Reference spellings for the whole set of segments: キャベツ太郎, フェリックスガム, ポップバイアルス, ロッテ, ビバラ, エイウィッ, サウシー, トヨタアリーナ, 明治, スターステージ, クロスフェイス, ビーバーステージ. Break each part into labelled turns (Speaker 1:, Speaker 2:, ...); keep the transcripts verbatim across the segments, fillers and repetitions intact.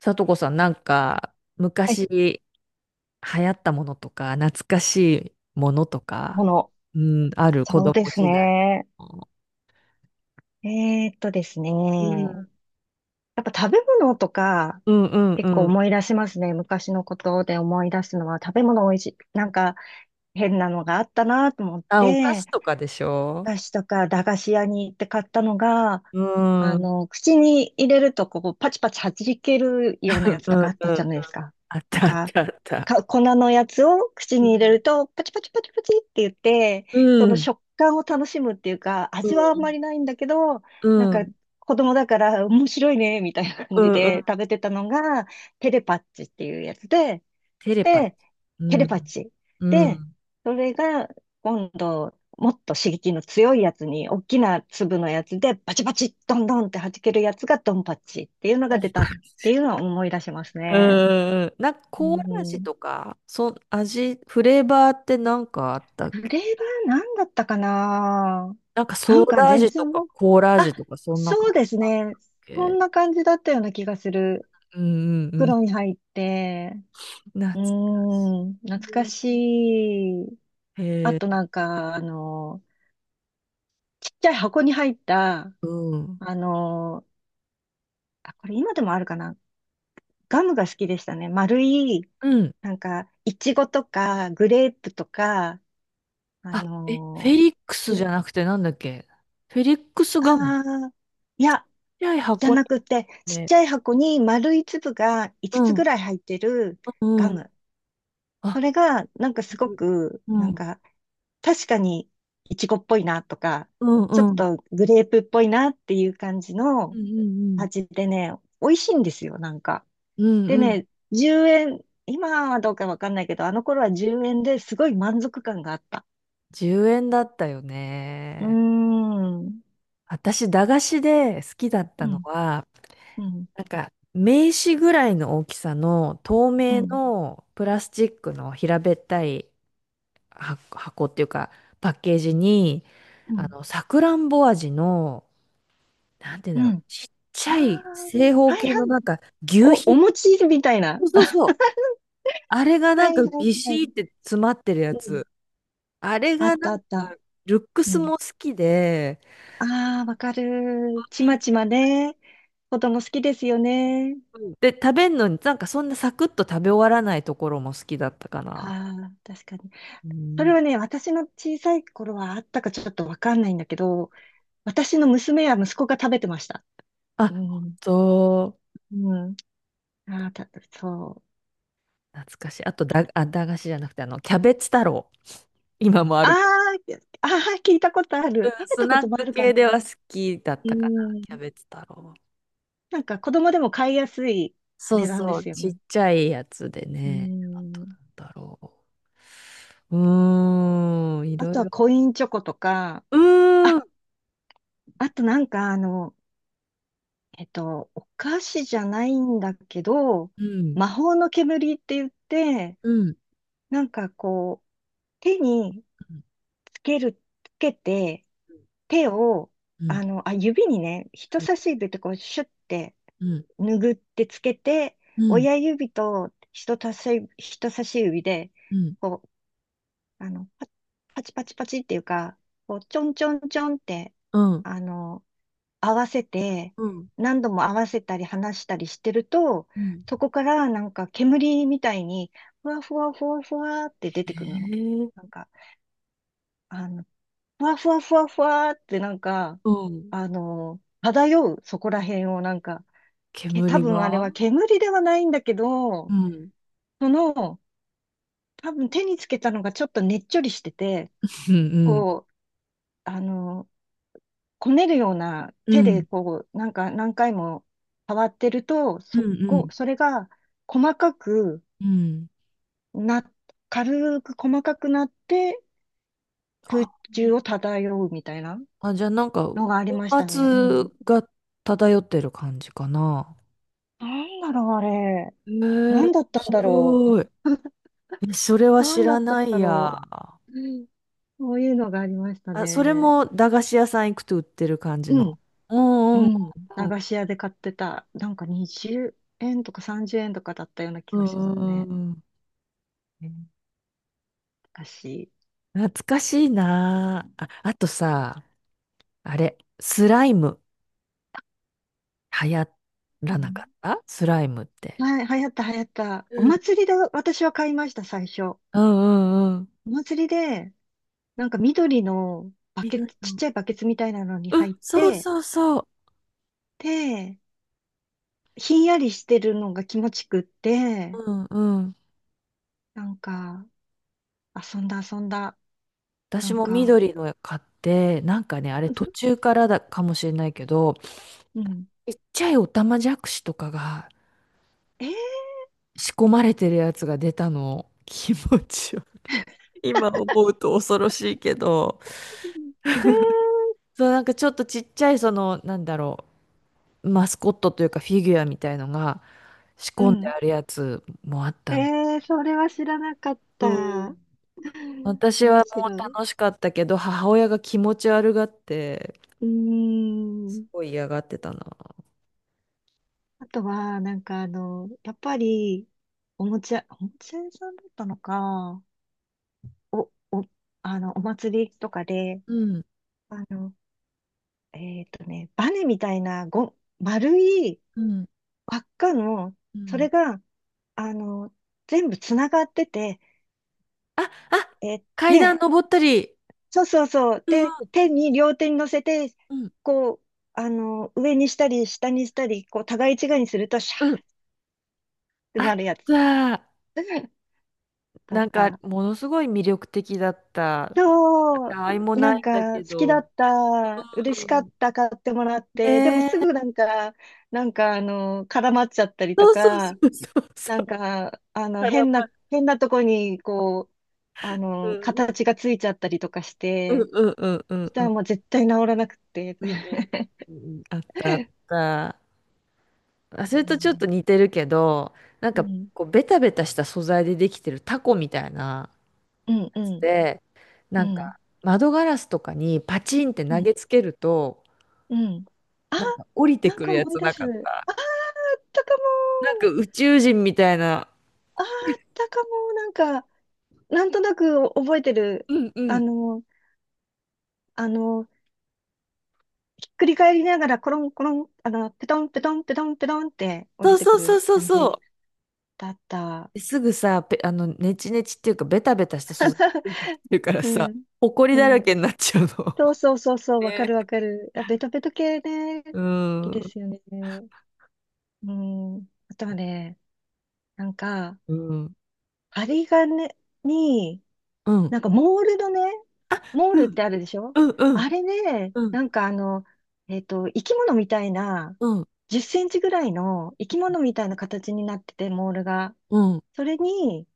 Speaker 1: さとこさん、なんか、
Speaker 2: はい、
Speaker 1: 昔流行ったものとか、懐かしいものと
Speaker 2: も
Speaker 1: か、
Speaker 2: の。
Speaker 1: うん、ある子
Speaker 2: そう
Speaker 1: 供
Speaker 2: です
Speaker 1: 時代
Speaker 2: ね。
Speaker 1: の。
Speaker 2: えーっとです
Speaker 1: うん。
Speaker 2: ね。やっぱ食べ物とか、
Speaker 1: うんうんう
Speaker 2: 結構
Speaker 1: ん。
Speaker 2: 思い出しますね。昔のことで思い出すのは、食べ物美味しい。なんか変なのがあったなと思っ
Speaker 1: あ、お菓子
Speaker 2: て、
Speaker 1: とかでし
Speaker 2: お
Speaker 1: ょ
Speaker 2: 菓子とか駄菓子屋に行って買ったのが、
Speaker 1: うん。
Speaker 2: あ
Speaker 1: うん
Speaker 2: の、口に入れるとこうパチパチ弾けるようなやつ
Speaker 1: う
Speaker 2: と
Speaker 1: んう
Speaker 2: かあったじゃ
Speaker 1: ん。
Speaker 2: ないですか。
Speaker 1: あっ
Speaker 2: なん
Speaker 1: たあっ
Speaker 2: か、
Speaker 1: たあっ
Speaker 2: か、
Speaker 1: た。
Speaker 2: 粉のやつを口
Speaker 1: う
Speaker 2: に入れ
Speaker 1: ん。
Speaker 2: るとパチパチパチパチって言って、
Speaker 1: う
Speaker 2: その
Speaker 1: ん。
Speaker 2: 食感を楽しむっていうか、
Speaker 1: う
Speaker 2: 味はあんま
Speaker 1: ん
Speaker 2: りないんだけど、
Speaker 1: う
Speaker 2: なんか
Speaker 1: ん。
Speaker 2: 子供だから面白いね、みたいな感
Speaker 1: う
Speaker 2: じ
Speaker 1: んう
Speaker 2: で
Speaker 1: ん。
Speaker 2: 食べてたのが、テレパッチっていうやつで、
Speaker 1: テレパチ。
Speaker 2: で、テ
Speaker 1: う
Speaker 2: レパ
Speaker 1: ん。
Speaker 2: チー。
Speaker 1: う
Speaker 2: で、
Speaker 1: ん。
Speaker 2: それが今度、もっと刺激の強いやつに、大きな粒のやつで、バチバチ、ドンドンって弾けるやつがドンパチっていうの
Speaker 1: う
Speaker 2: が出た
Speaker 1: ん
Speaker 2: っていうのは思い出します
Speaker 1: う
Speaker 2: ね。
Speaker 1: んうん。なんか、
Speaker 2: う
Speaker 1: コーラ味
Speaker 2: ん。
Speaker 1: とか、そ、味、フレーバーってなんかあったっ
Speaker 2: そ
Speaker 1: け。
Speaker 2: れは何だったかな。
Speaker 1: なんか
Speaker 2: な
Speaker 1: ソ
Speaker 2: ん
Speaker 1: ー
Speaker 2: か
Speaker 1: ダ
Speaker 2: 全
Speaker 1: 味と
Speaker 2: 然
Speaker 1: か
Speaker 2: もう、
Speaker 1: コーラ味とかそんな
Speaker 2: そ
Speaker 1: 感
Speaker 2: うです
Speaker 1: じだっ
Speaker 2: ね。そん
Speaker 1: け。
Speaker 2: な感じだったような気がする。
Speaker 1: うんうんうん。
Speaker 2: 袋に入って、
Speaker 1: 懐
Speaker 2: う
Speaker 1: かし
Speaker 2: ーん、懐か
Speaker 1: い。
Speaker 2: しい。
Speaker 1: へ
Speaker 2: あ
Speaker 1: え、
Speaker 2: となんか、あの、ちっちゃい箱に入った、
Speaker 1: うん。
Speaker 2: あのーあ、これ今でもあるかな。ガムが好きでしたね。丸い、
Speaker 1: うん。
Speaker 2: なんか、いちごとか、グレープとか、あ
Speaker 1: あ、え、フェ
Speaker 2: の
Speaker 1: リックスじ
Speaker 2: ー
Speaker 1: ゃなくてなんだっけ。フェリックスガム。ちっ
Speaker 2: ああいや、
Speaker 1: ちゃい
Speaker 2: じゃ
Speaker 1: 箱に
Speaker 2: な
Speaker 1: あ
Speaker 2: くて、
Speaker 1: っ
Speaker 2: ちっ
Speaker 1: て。
Speaker 2: ちゃい箱に丸い粒が
Speaker 1: う
Speaker 2: いつつつぐ
Speaker 1: ん、
Speaker 2: らい入ってる
Speaker 1: うん、
Speaker 2: ガ
Speaker 1: う
Speaker 2: ム。
Speaker 1: ん。
Speaker 2: それ
Speaker 1: あ、
Speaker 2: が、なんかすごく、
Speaker 1: う
Speaker 2: なん
Speaker 1: ん、
Speaker 2: か、確かにいちごっぽいなとか、
Speaker 1: うん、
Speaker 2: ちょっ
Speaker 1: うん。
Speaker 2: とグレープっぽいなっていう感じ
Speaker 1: う
Speaker 2: の
Speaker 1: ん、うん、うん。
Speaker 2: 味でね、美味しいんですよ、なんか。
Speaker 1: うん、
Speaker 2: で
Speaker 1: うん。
Speaker 2: ね、じゅうえん、今はどうかわかんないけど、あの頃はじゅうえんですごい満足感があった。
Speaker 1: じゅうえんだったよ
Speaker 2: うー
Speaker 1: ね。
Speaker 2: ん、
Speaker 1: 私、駄菓子で好きだっ
Speaker 2: う
Speaker 1: たの
Speaker 2: ん、
Speaker 1: は、
Speaker 2: うん、
Speaker 1: なんか、名刺ぐらいの大きさの透
Speaker 2: う
Speaker 1: 明
Speaker 2: ん、
Speaker 1: のプラスチックの平べったいは箱っていうか、パッケージに、
Speaker 2: う
Speaker 1: あ
Speaker 2: ん、
Speaker 1: の、さくらんぼ味の、なんて言うん
Speaker 2: う
Speaker 1: だろう、
Speaker 2: ん。
Speaker 1: ちっち
Speaker 2: あ
Speaker 1: ゃ
Speaker 2: あ、
Speaker 1: い正方
Speaker 2: はい
Speaker 1: 形の
Speaker 2: はい。
Speaker 1: なんか、牛
Speaker 2: お、お
Speaker 1: 皮、
Speaker 2: 餅みたいな。
Speaker 1: そうそうそう。あれが
Speaker 2: は
Speaker 1: なんか
Speaker 2: いは
Speaker 1: ビ
Speaker 2: いは
Speaker 1: シー
Speaker 2: い。
Speaker 1: って詰まってるや
Speaker 2: うん。
Speaker 1: つ。あれ
Speaker 2: あっ
Speaker 1: がな
Speaker 2: たあ
Speaker 1: ん
Speaker 2: った。
Speaker 1: か、ルック
Speaker 2: う
Speaker 1: ス
Speaker 2: ん。
Speaker 1: も好きで、
Speaker 2: ああ、わかる。ちまちまね。子供好きですよね。
Speaker 1: で、食べんのになんかそんなサクッと食べ終わらないところも好きだったかな。
Speaker 2: ああ、確かに。
Speaker 1: う
Speaker 2: それ
Speaker 1: ん、
Speaker 2: はね、私の小さい頃はあったかちょっとわかんないんだけど、私の娘や息子が食べてました。
Speaker 1: あ、
Speaker 2: う
Speaker 1: 本
Speaker 2: ん。
Speaker 1: 当、
Speaker 2: うん。ああ、た、そう。
Speaker 1: 懐かしい。あとだ、あ、駄菓子じゃなくて、あの、キャベツ太郎。今もあ
Speaker 2: あ
Speaker 1: るけど。
Speaker 2: あ、ああ、聞いたことあ
Speaker 1: うん、
Speaker 2: る。食べ
Speaker 1: ス
Speaker 2: たこ
Speaker 1: ナ
Speaker 2: と
Speaker 1: ッ
Speaker 2: もあ
Speaker 1: ク
Speaker 2: るか
Speaker 1: 系では
Speaker 2: な。
Speaker 1: 好きだっ
Speaker 2: う
Speaker 1: たかな、
Speaker 2: ん。
Speaker 1: キャベツ太郎。
Speaker 2: なんか子供でも買いやすい
Speaker 1: そう
Speaker 2: 値段で
Speaker 1: そう、
Speaker 2: すよ
Speaker 1: ちっ
Speaker 2: ね。
Speaker 1: ちゃいやつで
Speaker 2: う
Speaker 1: ね。あと、な
Speaker 2: ん。
Speaker 1: んだろう。うーん、い
Speaker 2: あ
Speaker 1: ろい
Speaker 2: とは
Speaker 1: ろ。
Speaker 2: コインチョコとか、
Speaker 1: うー
Speaker 2: あ、
Speaker 1: ん、
Speaker 2: あとなんかあの、えっと、お菓子じゃないんだけど、
Speaker 1: うん、
Speaker 2: 魔法の煙って言って、
Speaker 1: うん、
Speaker 2: なんかこう、手につける、つけて、手を、
Speaker 1: うん、
Speaker 2: あの、あ、指にね、人
Speaker 1: う
Speaker 2: 差し指ってこう、シュッて、
Speaker 1: ん、
Speaker 2: 拭ってつけて、
Speaker 1: うん、うん、
Speaker 2: 親指と人差し、人差し指で、
Speaker 1: うん、うん、
Speaker 2: こう、あの、パパチパチパチっていうか、こう、ちょんちょんちょんって、
Speaker 1: うん、
Speaker 2: あの、合わせて、
Speaker 1: うん。
Speaker 2: 何度も合わせたり離したりしてると、
Speaker 1: うん、
Speaker 2: そこからなんか煙みたいに、ふわふわふわふわって出
Speaker 1: え
Speaker 2: てくるの。
Speaker 1: ー、
Speaker 2: なんか、あの、ふわふわふわふわってなんか、
Speaker 1: うん。
Speaker 2: あの、漂う、そこら辺をなんか、け、多
Speaker 1: 煙
Speaker 2: 分あれ
Speaker 1: が、
Speaker 2: は煙ではないんだけ
Speaker 1: う
Speaker 2: ど、
Speaker 1: ん、
Speaker 2: その、多分手につけたのがちょっとねっちょりしてて、
Speaker 1: うん、うん、
Speaker 2: こう、あの、こねるような
Speaker 1: う
Speaker 2: 手で
Speaker 1: ん、
Speaker 2: こう、なんか何回も触ってると、
Speaker 1: うん、う
Speaker 2: そこ、
Speaker 1: ん、
Speaker 2: それが細かく
Speaker 1: うん。
Speaker 2: な、軽く細かくなって空
Speaker 1: あ、
Speaker 2: 中を漂うみたいな
Speaker 1: あじゃあなんか、
Speaker 2: のがあり
Speaker 1: 粉
Speaker 2: ましたね。う
Speaker 1: 末
Speaker 2: ん。
Speaker 1: が漂ってる感じかな。
Speaker 2: なんだろう、あれ。
Speaker 1: へえ、
Speaker 2: な
Speaker 1: 面
Speaker 2: んだったんだろ
Speaker 1: 白い。えそれは
Speaker 2: う。な
Speaker 1: 知
Speaker 2: んだ
Speaker 1: ら
Speaker 2: った
Speaker 1: な
Speaker 2: ん
Speaker 1: い
Speaker 2: だろ
Speaker 1: や。
Speaker 2: う。うん、そういうのがありました
Speaker 1: あ、それ
Speaker 2: ね。
Speaker 1: も駄菓子屋さん行くと売ってる感じ
Speaker 2: う
Speaker 1: の。
Speaker 2: ん。
Speaker 1: う
Speaker 2: う
Speaker 1: んうん
Speaker 2: ん、
Speaker 1: う
Speaker 2: 駄
Speaker 1: ん
Speaker 2: 菓子屋で買ってた、なんかにじゅうえんとかさんじゅうえんとかだったような
Speaker 1: う
Speaker 2: 気がします
Speaker 1: ん
Speaker 2: ね。
Speaker 1: うん、
Speaker 2: 昔。
Speaker 1: 懐かしいなあ。あ、あとさ、あれ、スライム流行
Speaker 2: う
Speaker 1: らなか
Speaker 2: ん、
Speaker 1: ったスライムって。
Speaker 2: はい、流行った流行った。お
Speaker 1: うん
Speaker 2: 祭りで私は買いました、最初。
Speaker 1: うんうんうん。
Speaker 2: お祭りで、なんか緑のバ
Speaker 1: 緑
Speaker 2: ケツ、ちっ
Speaker 1: の、
Speaker 2: ちゃいバケツみたいなのに
Speaker 1: うん、
Speaker 2: 入っ
Speaker 1: そう
Speaker 2: て、
Speaker 1: そうそう。
Speaker 2: で、ひんやりしてるのが気持ちくって、
Speaker 1: うんうん。
Speaker 2: なんか、遊んだ遊んだ。な
Speaker 1: 私
Speaker 2: ん
Speaker 1: も
Speaker 2: か、
Speaker 1: 緑の買って、なんかね、あれ途 中からだかもしれないけど、
Speaker 2: うん。
Speaker 1: ちっちゃいオタマジャクシとかが
Speaker 2: えー、
Speaker 1: 仕込まれてるやつが出たの。気持ちよ。今思うと恐ろしいけど。
Speaker 2: え
Speaker 1: そう、なんかちょっとちっちゃいその、なんだろう、マスコットというかフィギュアみたいのが仕
Speaker 2: ー、う
Speaker 1: 込んで
Speaker 2: ん。
Speaker 1: あるやつもあっ
Speaker 2: え
Speaker 1: たの。
Speaker 2: ー、それは知らなかっ
Speaker 1: そう。
Speaker 2: た。
Speaker 1: 私は
Speaker 2: 面
Speaker 1: もう
Speaker 2: 白い。
Speaker 1: 楽しかったけど、母親が気持ち悪がって、
Speaker 2: うー
Speaker 1: す
Speaker 2: ん。
Speaker 1: ごい嫌がってたな。
Speaker 2: あとは、なんかあの、やっぱり、おもちゃ、おもちゃ屋さんだったのか、お、お、あの、お祭りとかで、
Speaker 1: うん、
Speaker 2: あの、えっとね、バネみたいな、ご、丸い
Speaker 1: うん、
Speaker 2: 輪っかの、
Speaker 1: う
Speaker 2: そ
Speaker 1: ん。
Speaker 2: れが、あの、全部つながってて、
Speaker 1: あ、あ、
Speaker 2: え、
Speaker 1: 階段
Speaker 2: ね、
Speaker 1: 登ったり。
Speaker 2: そうそうそう。
Speaker 1: う
Speaker 2: で、
Speaker 1: ん
Speaker 2: 手に、両手に乗せて、
Speaker 1: うん
Speaker 2: こう、あの、上にしたり、下にしたり、こう、互い違いにすると、シャ
Speaker 1: うんうん。
Speaker 2: ーって
Speaker 1: あっ
Speaker 2: なるやつ。
Speaker 1: た。
Speaker 2: だっ
Speaker 1: なんか、
Speaker 2: た。
Speaker 1: ものすごい魅力的だった。
Speaker 2: そう、
Speaker 1: たわいも
Speaker 2: な
Speaker 1: な
Speaker 2: ん
Speaker 1: いんだ
Speaker 2: か好
Speaker 1: け
Speaker 2: きだ
Speaker 1: ど。
Speaker 2: った、嬉
Speaker 1: う
Speaker 2: しかっ
Speaker 1: ん。
Speaker 2: た、買ってもらって、でも
Speaker 1: ね
Speaker 2: すぐ
Speaker 1: え。
Speaker 2: なんか、なんかあの、絡まっちゃったりと
Speaker 1: そうそうそ
Speaker 2: か、
Speaker 1: うそうそ
Speaker 2: なん
Speaker 1: う。
Speaker 2: か、あの、
Speaker 1: 絡
Speaker 2: 変な、
Speaker 1: まる。
Speaker 2: 変なとこに、こう、あ
Speaker 1: う
Speaker 2: の、
Speaker 1: ん
Speaker 2: 形がついちゃったりとかし
Speaker 1: うん
Speaker 2: て、
Speaker 1: うんうんう
Speaker 2: そし
Speaker 1: ん
Speaker 2: た
Speaker 1: う
Speaker 2: ら
Speaker 1: ん
Speaker 2: もう絶対治らなくて。
Speaker 1: うんうんうん。あったあ った。あ、そ
Speaker 2: う
Speaker 1: れとちょっ
Speaker 2: ん
Speaker 1: と似てるけど、なんか、こ
Speaker 2: う
Speaker 1: う、ベタベタした素材でできてるタコみたいな
Speaker 2: ん、うん、
Speaker 1: や
Speaker 2: う
Speaker 1: つ
Speaker 2: ん、
Speaker 1: で、
Speaker 2: う
Speaker 1: なん
Speaker 2: ん、
Speaker 1: か、窓ガラスとかにパチンって
Speaker 2: う
Speaker 1: 投
Speaker 2: ん、
Speaker 1: げつけると、
Speaker 2: あ、
Speaker 1: なんか降りて
Speaker 2: なん
Speaker 1: くる
Speaker 2: か
Speaker 1: や
Speaker 2: 思い
Speaker 1: つ
Speaker 2: 出
Speaker 1: な
Speaker 2: す。
Speaker 1: かった。
Speaker 2: あったか
Speaker 1: なんか
Speaker 2: も。
Speaker 1: 宇宙人みたいな。
Speaker 2: あーあったかも、なんか、なんとなく覚えてる。
Speaker 1: うんう
Speaker 2: あ
Speaker 1: ん。
Speaker 2: の、あの、ひっくり返りながら、コロンコロン、あの、ペトンペトンペトンペトンって降
Speaker 1: そ
Speaker 2: り
Speaker 1: う
Speaker 2: て
Speaker 1: そ
Speaker 2: く
Speaker 1: うそう
Speaker 2: る
Speaker 1: そう
Speaker 2: 感
Speaker 1: そ
Speaker 2: じ
Speaker 1: う。
Speaker 2: だった。
Speaker 1: ですぐさ、ペあの、ネチネチっていうか、ベタベタした素材っていうから
Speaker 2: う
Speaker 1: さ、
Speaker 2: ん。
Speaker 1: ほこり
Speaker 2: う
Speaker 1: だら
Speaker 2: ん。
Speaker 1: けになっちゃうの。
Speaker 2: そう そうそうそう、わか
Speaker 1: ね。
Speaker 2: るわかる。あ、ベトベト系ね、好
Speaker 1: う
Speaker 2: きで
Speaker 1: ん。
Speaker 2: すよね。うん。あとはね、なんか、
Speaker 1: うん。
Speaker 2: 針金に、
Speaker 1: うん。
Speaker 2: なんかモールのね、モールっ
Speaker 1: う
Speaker 2: て
Speaker 1: ん。
Speaker 2: あるでしょ？
Speaker 1: うん。うん。
Speaker 2: あれね、
Speaker 1: うん。
Speaker 2: なんかあの、えっと、生き物みたいな、
Speaker 1: うん。
Speaker 2: じゅっセンチぐらいの生き物みたいな形になってて、モールが。
Speaker 1: うん
Speaker 2: それに、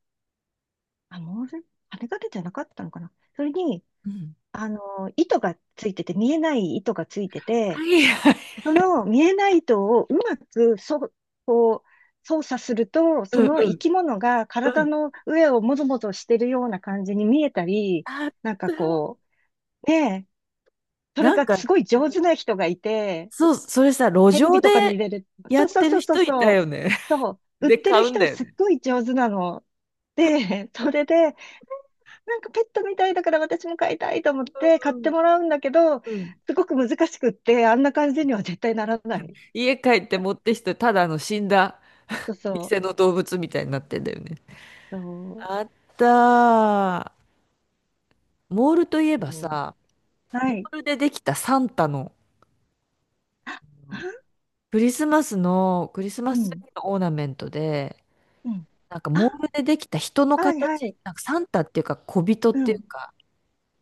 Speaker 2: あ、モール、羽が出じゃなかったのかな、それに、
Speaker 1: うん
Speaker 2: あの、糸がついてて、見えない糸がついて
Speaker 1: は
Speaker 2: て、
Speaker 1: いはい。
Speaker 2: その見えない糸をうまく、そ、こう、操作すると、
Speaker 1: う
Speaker 2: そ
Speaker 1: ん
Speaker 2: の
Speaker 1: う
Speaker 2: 生
Speaker 1: ん。
Speaker 2: き物が
Speaker 1: う
Speaker 2: 体
Speaker 1: ん。
Speaker 2: の上をもぞもぞしてるような感じに見えたり、
Speaker 1: あっ
Speaker 2: なんか
Speaker 1: た。
Speaker 2: こう、ねえ、それ
Speaker 1: なん
Speaker 2: が
Speaker 1: か、
Speaker 2: すごい上手な人がいて、
Speaker 1: そう、それさ、路
Speaker 2: テレ
Speaker 1: 上
Speaker 2: ビ
Speaker 1: で
Speaker 2: とかに入れる。
Speaker 1: や
Speaker 2: そ
Speaker 1: っ
Speaker 2: うそう
Speaker 1: てる
Speaker 2: そうそう
Speaker 1: 人いた
Speaker 2: そう。
Speaker 1: よね。
Speaker 2: そ う、売っ
Speaker 1: で、
Speaker 2: てる
Speaker 1: 買うん
Speaker 2: 人
Speaker 1: だ
Speaker 2: が
Speaker 1: よ
Speaker 2: すっ
Speaker 1: ね。
Speaker 2: ごい上手なの。で、それで、なんかペットみたいだから私も飼いたいと思って買っ
Speaker 1: う
Speaker 2: て
Speaker 1: ん。
Speaker 2: もらうんだけど、
Speaker 1: うん。
Speaker 2: すごく難しくって、あんな感じには絶対ならない。
Speaker 1: 家帰って持ってきて、ただあの死んだ
Speaker 2: そう
Speaker 1: 偽
Speaker 2: そう。
Speaker 1: の動物みたいになってんだよね。
Speaker 2: そ
Speaker 1: あったー。モールといえば
Speaker 2: う、うん、
Speaker 1: さ、
Speaker 2: は
Speaker 1: モ
Speaker 2: い。
Speaker 1: ールでできたサンタの、
Speaker 2: あ、あ
Speaker 1: クリスマスの、クリス
Speaker 2: う
Speaker 1: マスツ
Speaker 2: ん、
Speaker 1: リーのオーナメントで、
Speaker 2: うん。
Speaker 1: なんかモー
Speaker 2: あ、
Speaker 1: ルでできた人の
Speaker 2: はいは
Speaker 1: 形、
Speaker 2: い。
Speaker 1: なんかサンタっていうか小人っ
Speaker 2: う
Speaker 1: ていう
Speaker 2: ん。
Speaker 1: か、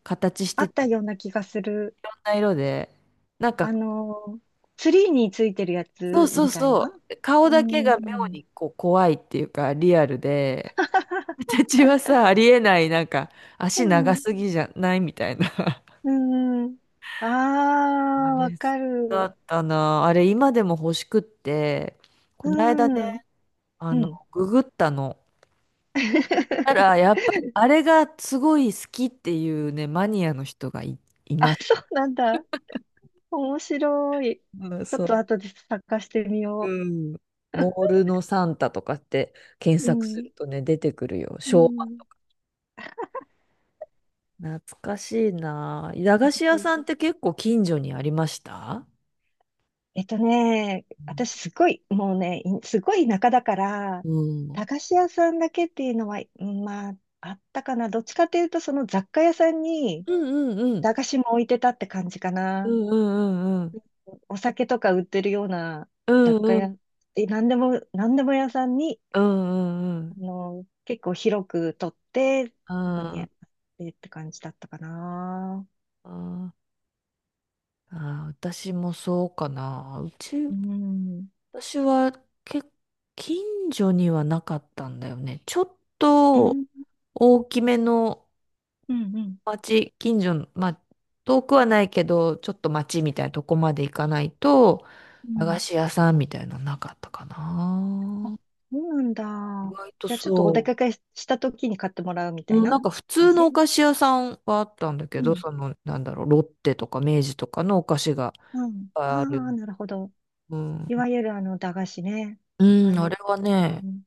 Speaker 1: 形し
Speaker 2: あ
Speaker 1: て
Speaker 2: っ
Speaker 1: て、
Speaker 2: た
Speaker 1: い
Speaker 2: ような気がする。
Speaker 1: ろんな色で、なんか、
Speaker 2: あの、ツリーについてるや
Speaker 1: そう
Speaker 2: つ
Speaker 1: そう
Speaker 2: みたいな。
Speaker 1: そう、顔
Speaker 2: う
Speaker 1: だけ
Speaker 2: ん。
Speaker 1: が妙にこう怖いっていうか、リアルで、私はさ、ありえない、なんか、
Speaker 2: う
Speaker 1: 足長
Speaker 2: ん。
Speaker 1: すぎじゃないみたいな。
Speaker 2: うん。あ
Speaker 1: あ
Speaker 2: あ、わ
Speaker 1: れ、
Speaker 2: か
Speaker 1: だ
Speaker 2: る。
Speaker 1: ったな。あれ、今でも欲しくって、この間
Speaker 2: う
Speaker 1: ね、
Speaker 2: ん。
Speaker 1: あ
Speaker 2: う
Speaker 1: の、
Speaker 2: ん。
Speaker 1: ググったの。たら、やっぱり、あれがすごい好きっていうね、マニアの人がい、い
Speaker 2: あ、
Speaker 1: まし
Speaker 2: そ
Speaker 1: た。
Speaker 2: うなんだ。面白い。
Speaker 1: うん
Speaker 2: ちょっ
Speaker 1: そ
Speaker 2: と
Speaker 1: う。
Speaker 2: 後で探してみよ
Speaker 1: うん。モールのサンタとかって検
Speaker 2: う。う
Speaker 1: 索す
Speaker 2: ん。
Speaker 1: るとね、出てくるよ。
Speaker 2: う
Speaker 1: 昭和。
Speaker 2: ん。
Speaker 1: 懐かしいな。駄菓子屋さんって結構近所にありました？
Speaker 2: えっとね、私すごい、もうね、いすごい田舎だから、
Speaker 1: うん。
Speaker 2: 駄菓子屋さんだけっていうのは、うん、まあ、あったかな。どっちかというと、その雑貨屋さんに
Speaker 1: うんうんうん。
Speaker 2: 駄菓子も置いてたって感じか
Speaker 1: う
Speaker 2: な。
Speaker 1: んうんうんうん。
Speaker 2: お酒とか売ってるような
Speaker 1: う
Speaker 2: 雑
Speaker 1: ん
Speaker 2: 貨
Speaker 1: うん
Speaker 2: 屋、え、なんでも、なんでも屋さんに、
Speaker 1: うんうんう
Speaker 2: あ
Speaker 1: ん。
Speaker 2: の、結構広く取って、
Speaker 1: あ
Speaker 2: そこにあっ
Speaker 1: ー、
Speaker 2: てって感じだったかな。
Speaker 1: あー、あー私もそうかな。うち、
Speaker 2: うん。
Speaker 1: 私は結近所にはなかったんだよね。ちょっ
Speaker 2: う
Speaker 1: と
Speaker 2: ん、
Speaker 1: 大きめの
Speaker 2: うん、うん。
Speaker 1: 町、近所の、まあ、遠くはないけど、ちょっと町みたいなとこまで行かないと、
Speaker 2: う
Speaker 1: 駄菓
Speaker 2: ん、
Speaker 1: 子屋さんみたいなのなかったか
Speaker 2: あ、
Speaker 1: な。
Speaker 2: そうなん
Speaker 1: 意
Speaker 2: だ。
Speaker 1: 外と
Speaker 2: じゃあちょっとお出
Speaker 1: そう。
Speaker 2: かけした時に買ってもらうみたい
Speaker 1: うん、な
Speaker 2: な
Speaker 1: んか普
Speaker 2: 感
Speaker 1: 通の
Speaker 2: じ。
Speaker 1: お菓子屋さんはあったんだけ
Speaker 2: う
Speaker 1: ど、
Speaker 2: ん。
Speaker 1: その、なんだろう、ロッテとか明治とかのお菓子がいっ
Speaker 2: うん。
Speaker 1: ぱい
Speaker 2: あ
Speaker 1: ある。
Speaker 2: あ、なるほど。
Speaker 1: うん、
Speaker 2: いわゆるあの、駄菓子ね。
Speaker 1: う
Speaker 2: ああ
Speaker 1: ん、
Speaker 2: い
Speaker 1: あ
Speaker 2: う、
Speaker 1: れはね、
Speaker 2: うん、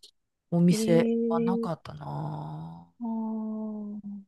Speaker 1: お
Speaker 2: え
Speaker 1: 店は
Speaker 2: え
Speaker 1: な
Speaker 2: ー、
Speaker 1: かったな
Speaker 2: ああ
Speaker 1: ぁ。
Speaker 2: ー、